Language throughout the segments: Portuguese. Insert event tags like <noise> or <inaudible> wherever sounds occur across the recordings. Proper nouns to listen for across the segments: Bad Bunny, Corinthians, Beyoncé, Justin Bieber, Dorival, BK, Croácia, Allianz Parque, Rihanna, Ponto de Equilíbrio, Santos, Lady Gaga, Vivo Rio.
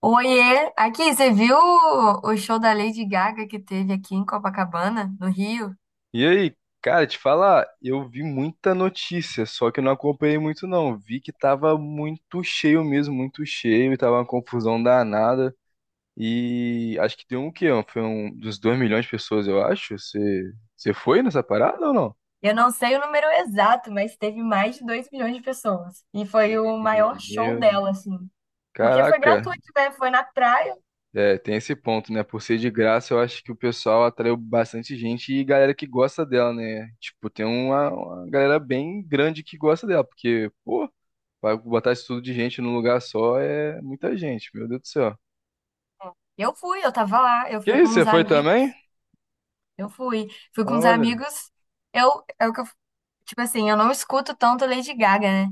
Oiê, aqui, você viu o show da Lady Gaga que teve aqui em Copacabana, no Rio? E aí, cara, te falar, eu vi muita notícia, só que eu não acompanhei muito não. Vi que tava muito cheio mesmo, muito cheio, e tava uma confusão danada. E acho que deu um quê? Foi um dos 2 milhões de pessoas, eu acho. Você foi nessa parada ou não? Eu não sei o número exato, mas teve mais de 2 milhões de pessoas. E foi o maior show Meu, dela, assim. Porque foi caraca, gratuito, né? Foi na praia. é, tem esse ponto, né? Por ser de graça, eu acho que o pessoal atraiu bastante gente e galera que gosta dela, né? Tipo, tem uma galera bem grande que gosta dela, porque, pô. Vai botar isso tudo de gente num lugar só é muita gente, meu Deus do céu. Eu fui, eu tava lá, eu Que fui com isso, uns você foi amigos, também? eu fui. Fui com uns Olha, amigos. Eu, é o que eu Tipo assim, eu não escuto tanto Lady Gaga, né?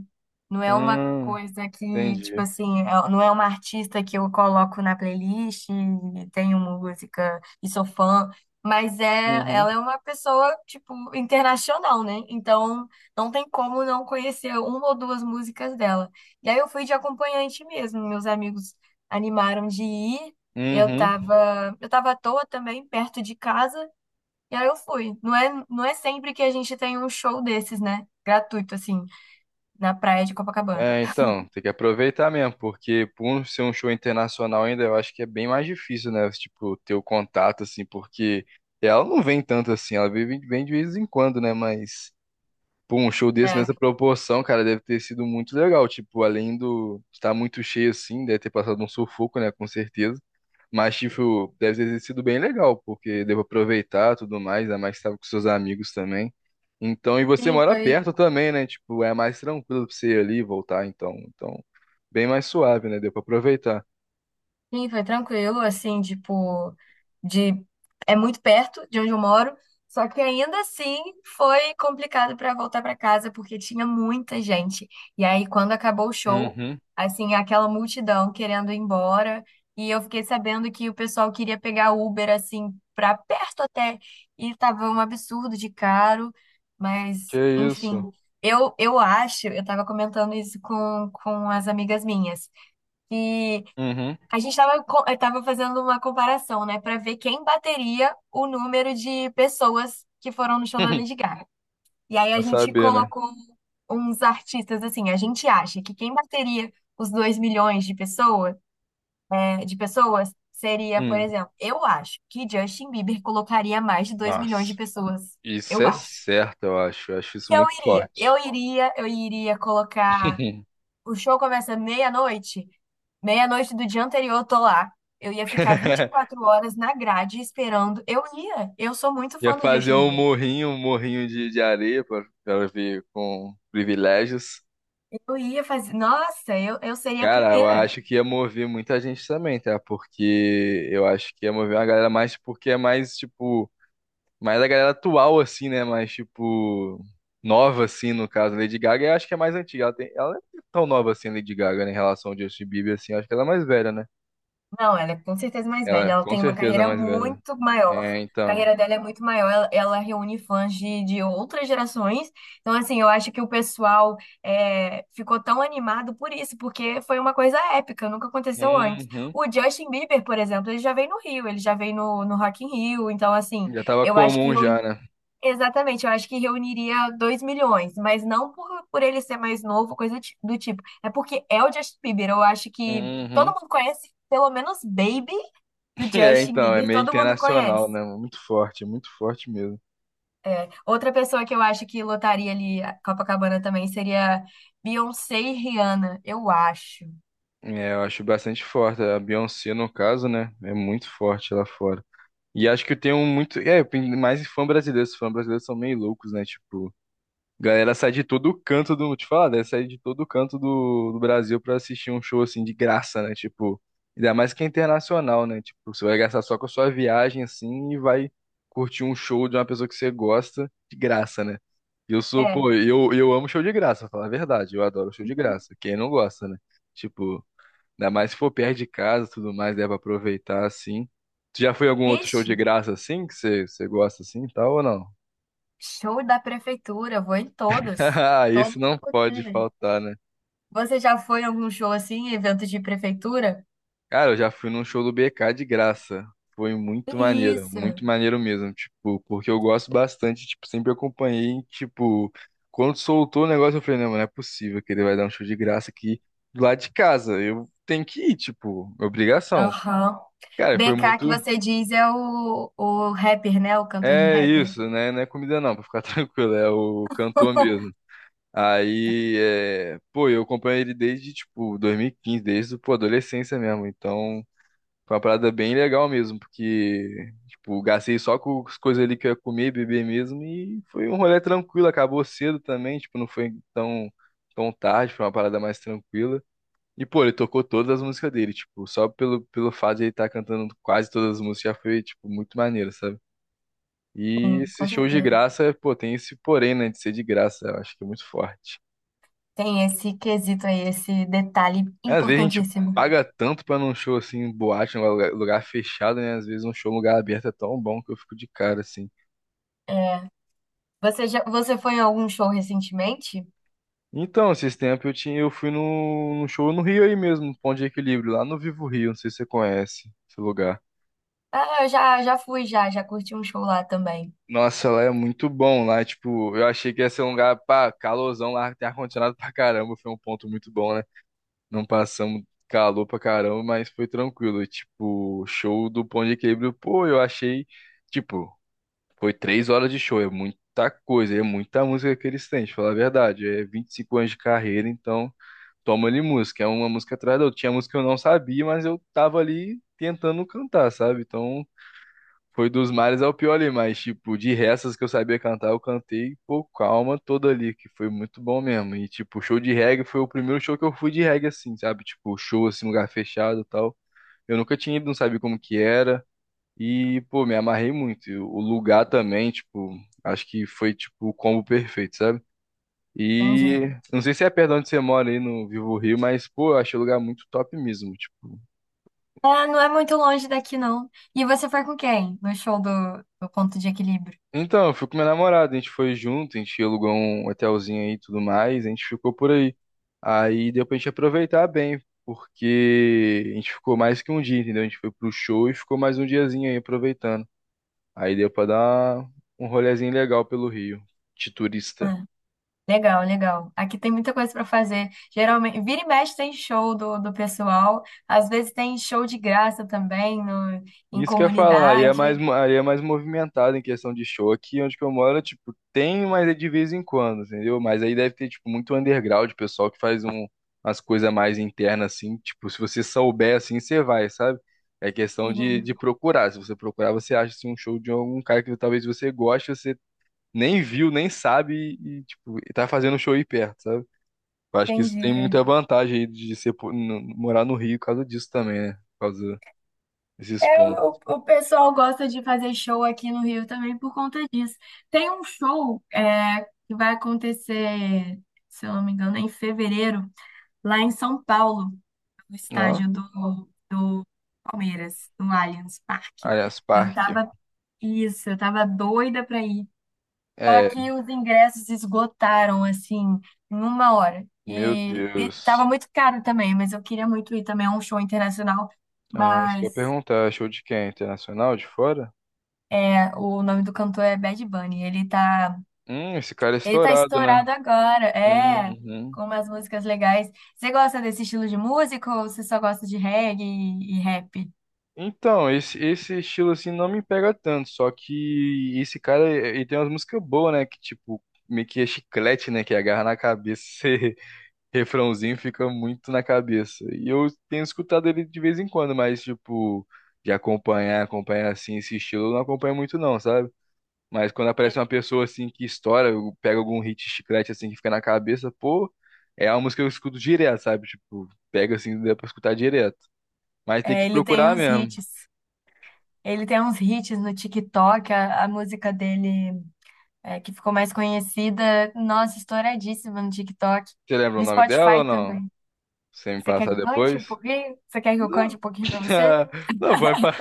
Não é uma hum, coisa que, tipo entendi. assim, não é uma artista que eu coloco na playlist, e tenho música e sou fã, mas é, Uhum. ela é uma pessoa, tipo, internacional, né? Então, não tem como não conhecer uma ou duas músicas dela. E aí eu fui de acompanhante mesmo, meus amigos animaram de ir. Eu Uhum. tava, eu tava à toa também, perto de casa. E aí eu fui. Não é sempre que a gente tem um show desses, né? Gratuito, assim, na praia de Copacabana. É, então, tem que aproveitar mesmo, porque ser um show internacional ainda, eu acho que é bem mais difícil, né? Tipo, ter o contato, assim, porque ela não vem tanto assim, ela vem de vez em quando, né? Mas, pô, um show desse É. nessa proporção, cara, deve ter sido muito legal. Tipo, além do estar muito cheio assim, deve ter passado um sufoco, né? Com certeza. Mas, tipo, deve ter sido bem legal, porque devo aproveitar tudo mais, ainda mais que estava com seus amigos também. Então, e você Sim, mora foi perto também, né? Tipo, é mais tranquilo pra você ir ali e voltar, então. Então, bem mais suave, né? Deu pra aproveitar. Sim, foi tranquilo, assim, tipo, de é muito perto de onde eu moro, só que ainda assim foi complicado para voltar para casa porque tinha muita gente. E aí quando acabou o show, Uhum, assim, aquela multidão querendo ir embora, e eu fiquei sabendo que o pessoal queria pegar Uber assim para perto até, e tava um absurdo de caro, mas que enfim, isso? eu acho, eu tava comentando isso com as amigas minhas. Uhum. A gente estava tava fazendo uma comparação, né, para ver quem bateria o número de pessoas que foram no show da Lady <laughs> Gaga. E aí a Pra gente saber, né? colocou uns artistas assim, a gente acha que quem bateria os 2 milhões de pessoas, seria, por Hum, exemplo, eu acho que Justin Bieber colocaria mais de 2 milhões de nossa. pessoas. Isso Eu é acho. certo, eu acho. Eu acho isso Eu muito iria, forte. eu iria, eu iria colocar. O show começa meia-noite. Meia-noite do dia anterior, eu tô lá. Eu ia ficar vinte e <laughs> quatro horas na grade esperando. Eu ia. Eu sou muito Ia fã do fazer Justin Bieber. Um morrinho de areia pra ver com privilégios. Eu ia fazer. Nossa, eu seria a Cara, eu primeira. acho que ia mover muita gente também, tá? Porque eu acho que ia mover uma galera mais porque é mais, tipo, mais a galera atual, assim, né? Mais, tipo, nova, assim, no caso. Lady Gaga, eu acho que é mais antiga. Ela não é tão nova assim, Lady Gaga, né? Em relação ao Justin Bieber, assim. Eu acho que ela é mais velha, né? Não, ela é com certeza mais Ela, velha. Ela com tem uma certeza, é carreira mais velha, né? muito maior. É, A então. carreira dela é muito maior. Ela reúne fãs de outras gerações. Então, assim, eu acho que o pessoal ficou tão animado por isso, porque foi uma coisa épica, nunca aconteceu antes. Uhum. O Justin Bieber, por exemplo, ele já veio no Rio, ele já veio no Rock in Rio. Então, assim, Já tava eu acho que comum já, né? Exatamente, eu acho que reuniria 2 milhões, mas não por ele ser mais novo, coisa do tipo. É porque é o Justin Bieber, eu acho que todo Uhum. mundo conhece, pelo menos Baby do <laughs> É, Justin então, é Bieber, meio todo mundo conhece. internacional, né? Muito forte mesmo. Outra pessoa que eu acho que lotaria ali a Copacabana também seria Beyoncé e Rihanna, eu acho. É, eu acho bastante forte. A Beyoncé, no caso, né? É muito forte lá fora. E acho que eu tenho muito. É, tem mais fã brasileiro. Os fãs brasileiros são meio loucos, né? Tipo, galera sai de todo canto do. Te falar, né? Sai de todo canto do Brasil pra assistir um show assim de graça, né? Tipo, ainda mais que é internacional, né? Tipo, você vai gastar só com a sua viagem assim e vai curtir um show de uma pessoa que você gosta de graça, né? E Eu sou, É. pô, eu amo show de graça, pra falar a verdade. Eu adoro show de graça. <laughs> Quem não gosta, né? Tipo. Ainda mais se for perto de casa, e tudo mais, dá pra aproveitar assim. Tu já foi em algum outro show Ixi, de graça assim, que você gosta assim e tal ou não? show da prefeitura, vou em todos, <laughs> Isso todos não pode possíveis. faltar, né? Você já foi em algum show assim, evento de prefeitura? Cara, eu já fui num show do BK de graça. Foi Isso. muito maneiro mesmo, tipo, porque eu gosto bastante, tipo, sempre acompanhei, tipo, quando soltou o negócio eu falei, não, não é possível que ele vai dar um show de graça aqui do lado de casa. Eu tenho que ir, tipo, obrigação. Aham. Cara, foi BK que muito. você diz é o rapper, né? O cantor de É rapper. isso, né? Não é comida não, pra ficar <laughs> tranquilo, é o cantor <laughs> mesmo. Aí, pô, eu acompanho ele desde, tipo, 2015, desde, pô, adolescência mesmo. Então, foi uma parada bem legal mesmo, porque, tipo, gastei só com as coisas ali que eu ia comer, beber mesmo, e foi um rolê tranquilo, acabou cedo também, tipo, não foi tão tarde, foi uma parada mais tranquila. E, pô, ele tocou todas as músicas dele, tipo, só pelo fato de ele estar cantando quase todas as músicas já foi, tipo, muito maneiro, sabe? E esse Com show de certeza. graça, pô, tem esse porém, né, de ser de graça, eu acho que é muito forte. Tem esse quesito aí, esse detalhe É, às vezes a gente importantíssimo. paga tanto pra num show assim, boate, em um lugar, lugar fechado, né? Às vezes um show em lugar aberto é tão bom que eu fico de cara assim. É, você foi em algum show recentemente? Então, esses tempos eu fui num show no Rio aí mesmo, no Ponto de Equilíbrio, lá no Vivo Rio, não sei se você conhece esse lugar. Ah, eu já fui, já curti um show lá também. Nossa, lá é muito bom, lá, tipo, eu achei que ia ser um lugar, pá, calorzão lá, tem ar-condicionado pra caramba, foi um ponto muito bom, né? Não passamos calor pra caramba, mas foi tranquilo. Tipo, show do Ponto de Equilíbrio, pô, eu achei. Tipo, foi 3 horas de show, é muita coisa, é muita música que eles têm, de falar a verdade. É 25 anos de carreira, então toma ali música. É uma música atrás da outra. Tinha música que eu não sabia, mas eu tava ali tentando cantar, sabe? Então foi dos mares ao pior ali, mas, tipo, de restas que eu sabia cantar, eu cantei, pô, com a alma toda ali, que foi muito bom mesmo. E, tipo, show de reggae foi o primeiro show que eu fui de reggae, assim, sabe? Tipo, show, assim, lugar fechado e tal. Eu nunca tinha ido, não sabia como que era. E, pô, me amarrei muito. E o lugar também, tipo, acho que foi, tipo, o combo perfeito, sabe? Entendi. E não sei se é perto de onde você mora aí no Vivo Rio, mas, pô, eu achei o lugar muito top mesmo. Tipo, Ah, não é muito longe daqui, não. E você foi com quem? No show do Ponto de Equilíbrio? então, eu fui com minha namorada, a gente foi junto, a gente alugou um hotelzinho aí e tudo mais, a gente ficou por aí. Aí deu pra gente aproveitar bem, porque a gente ficou mais que um dia, entendeu? A gente foi pro show e ficou mais um diazinho aí aproveitando. Aí deu pra dar um rolezinho legal pelo Rio, de turista. Legal, legal. Aqui tem muita coisa para fazer. Geralmente, vira e mexe tem show do pessoal. Às vezes tem show de graça também no, em Isso que eu ia falar, aí é mais, comunidade. Aí é mais movimentado em questão de show. Aqui onde que eu moro, tipo, tem, mas é de vez em quando, entendeu? Mas aí deve ter, tipo, muito underground, pessoal que faz umas coisas mais internas, assim. Tipo, se você souber, assim, você vai, sabe? É questão Sim, de procurar. Se você procurar, você acha, assim, um show de algum cara que talvez você goste, você nem viu, nem sabe e, tipo, e tá fazendo um show aí perto, sabe? Eu acho que isso tem entendi. muita vantagem aí de ser, morar no Rio por causa disso também, né? Por causa desses É, pontos. o pessoal gosta de fazer show aqui no Rio também por conta disso. Tem um show que vai acontecer, se eu não me engano, em fevereiro, lá em São Paulo, no estádio do Palmeiras, no Allianz Parque. Allianz Eu Parque. tava, isso, eu tava doida para ir. Só É, que os ingressos esgotaram, assim, em uma hora. meu E tava Deus. muito caro também, mas eu queria muito ir também a um show internacional. Ah, isso que eu ia Mas perguntar. É show de quem? Internacional de fora? O nome do cantor é Bad Bunny. Ele tá, Esse cara é ele tá estourado, né? estourado agora, Uhum. com umas músicas legais. Você gosta desse estilo de música ou você só gosta de reggae e rap? Então, esse estilo assim não me pega tanto, só que esse cara, ele tem umas músicas boas, né? Que tipo, meio que é chiclete, né? Que agarra na cabeça, <laughs> esse refrãozinho fica muito na cabeça. E eu tenho escutado ele de vez em quando, mas tipo, de acompanhar, acompanhar assim esse estilo, eu não acompanho muito não, sabe? Mas quando aparece uma pessoa assim que estoura, eu pego algum hit chiclete assim que fica na cabeça, pô, é uma música que eu escuto direto, sabe? Tipo, pega assim, dá pra escutar direto. Mas tem É, que ele tem procurar uns mesmo. hits. Ele tem uns hits no TikTok, a música dele. Que ficou mais conhecida, nossa, estouradíssima no TikTok, Você lembra o no nome dela ou Spotify não? também. Você me Você quer passar que eu cante um depois? pouquinho? Você quer que eu cante Não. um pouquinho pra você? <laughs> Não, pode, pa-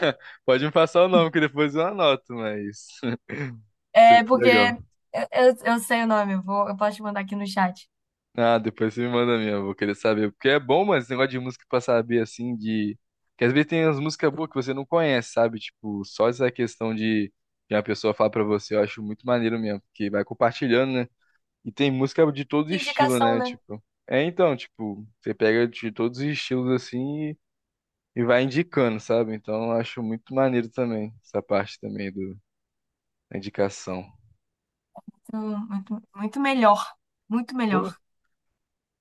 pode me passar o nome, que depois eu anoto, mas. <laughs> Seria É porque legal. eu sei o nome, eu posso te mandar aqui no chat. Ah, depois você me manda mesmo, vou querer saber. Porque é bom, mano, esse negócio de música pra saber, assim, de. Que às vezes tem umas músicas boas que você não conhece, sabe? Tipo, só essa questão de uma pessoa falar pra você, eu acho muito maneiro mesmo, porque vai compartilhando, né? E tem música de todo Que estilo, indicação, né? né? Tipo. É então, tipo, você pega de todos os estilos assim e vai indicando, sabe? Então eu acho muito maneiro também, essa parte também da indicação. Muito, muito, muito Pô. melhor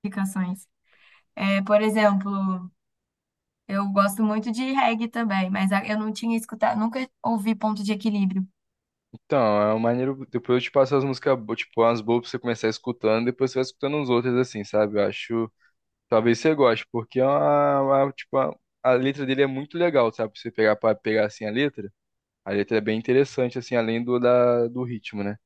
indicações. É, por exemplo, eu gosto muito de reggae também, mas eu não tinha escutado, nunca ouvi Ponto de Equilíbrio. Então, é uma maneira. Depois eu te passo as músicas, tipo, umas boas pra você começar escutando, depois você vai escutando uns outros, assim, sabe? Eu acho. Talvez você goste, porque é tipo, a letra dele é muito legal, sabe? Pra você pegar pra pegar assim a letra. A letra é bem interessante, assim, além do ritmo, né?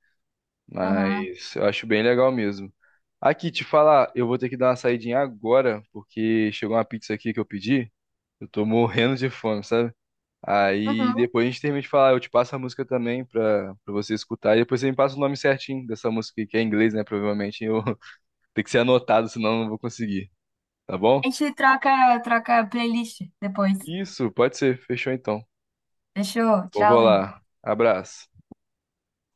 Aham. Mas eu acho bem legal mesmo. Aqui, te falar, eu vou ter que dar uma saidinha agora, porque chegou uma pizza aqui que eu pedi. Eu tô morrendo de fome, sabe? Aí Uhum. depois a gente termina de falar, eu te passo a música também pra você escutar. E depois você me passa o nome certinho dessa música, que é em inglês, né? Provavelmente eu <laughs> tem que ser anotado, senão eu não vou conseguir. Tá bom? A gente troca a playlist depois. Isso, pode ser. Fechou então. Fechou? Eu vou Tchauzinho. lá. Abraço.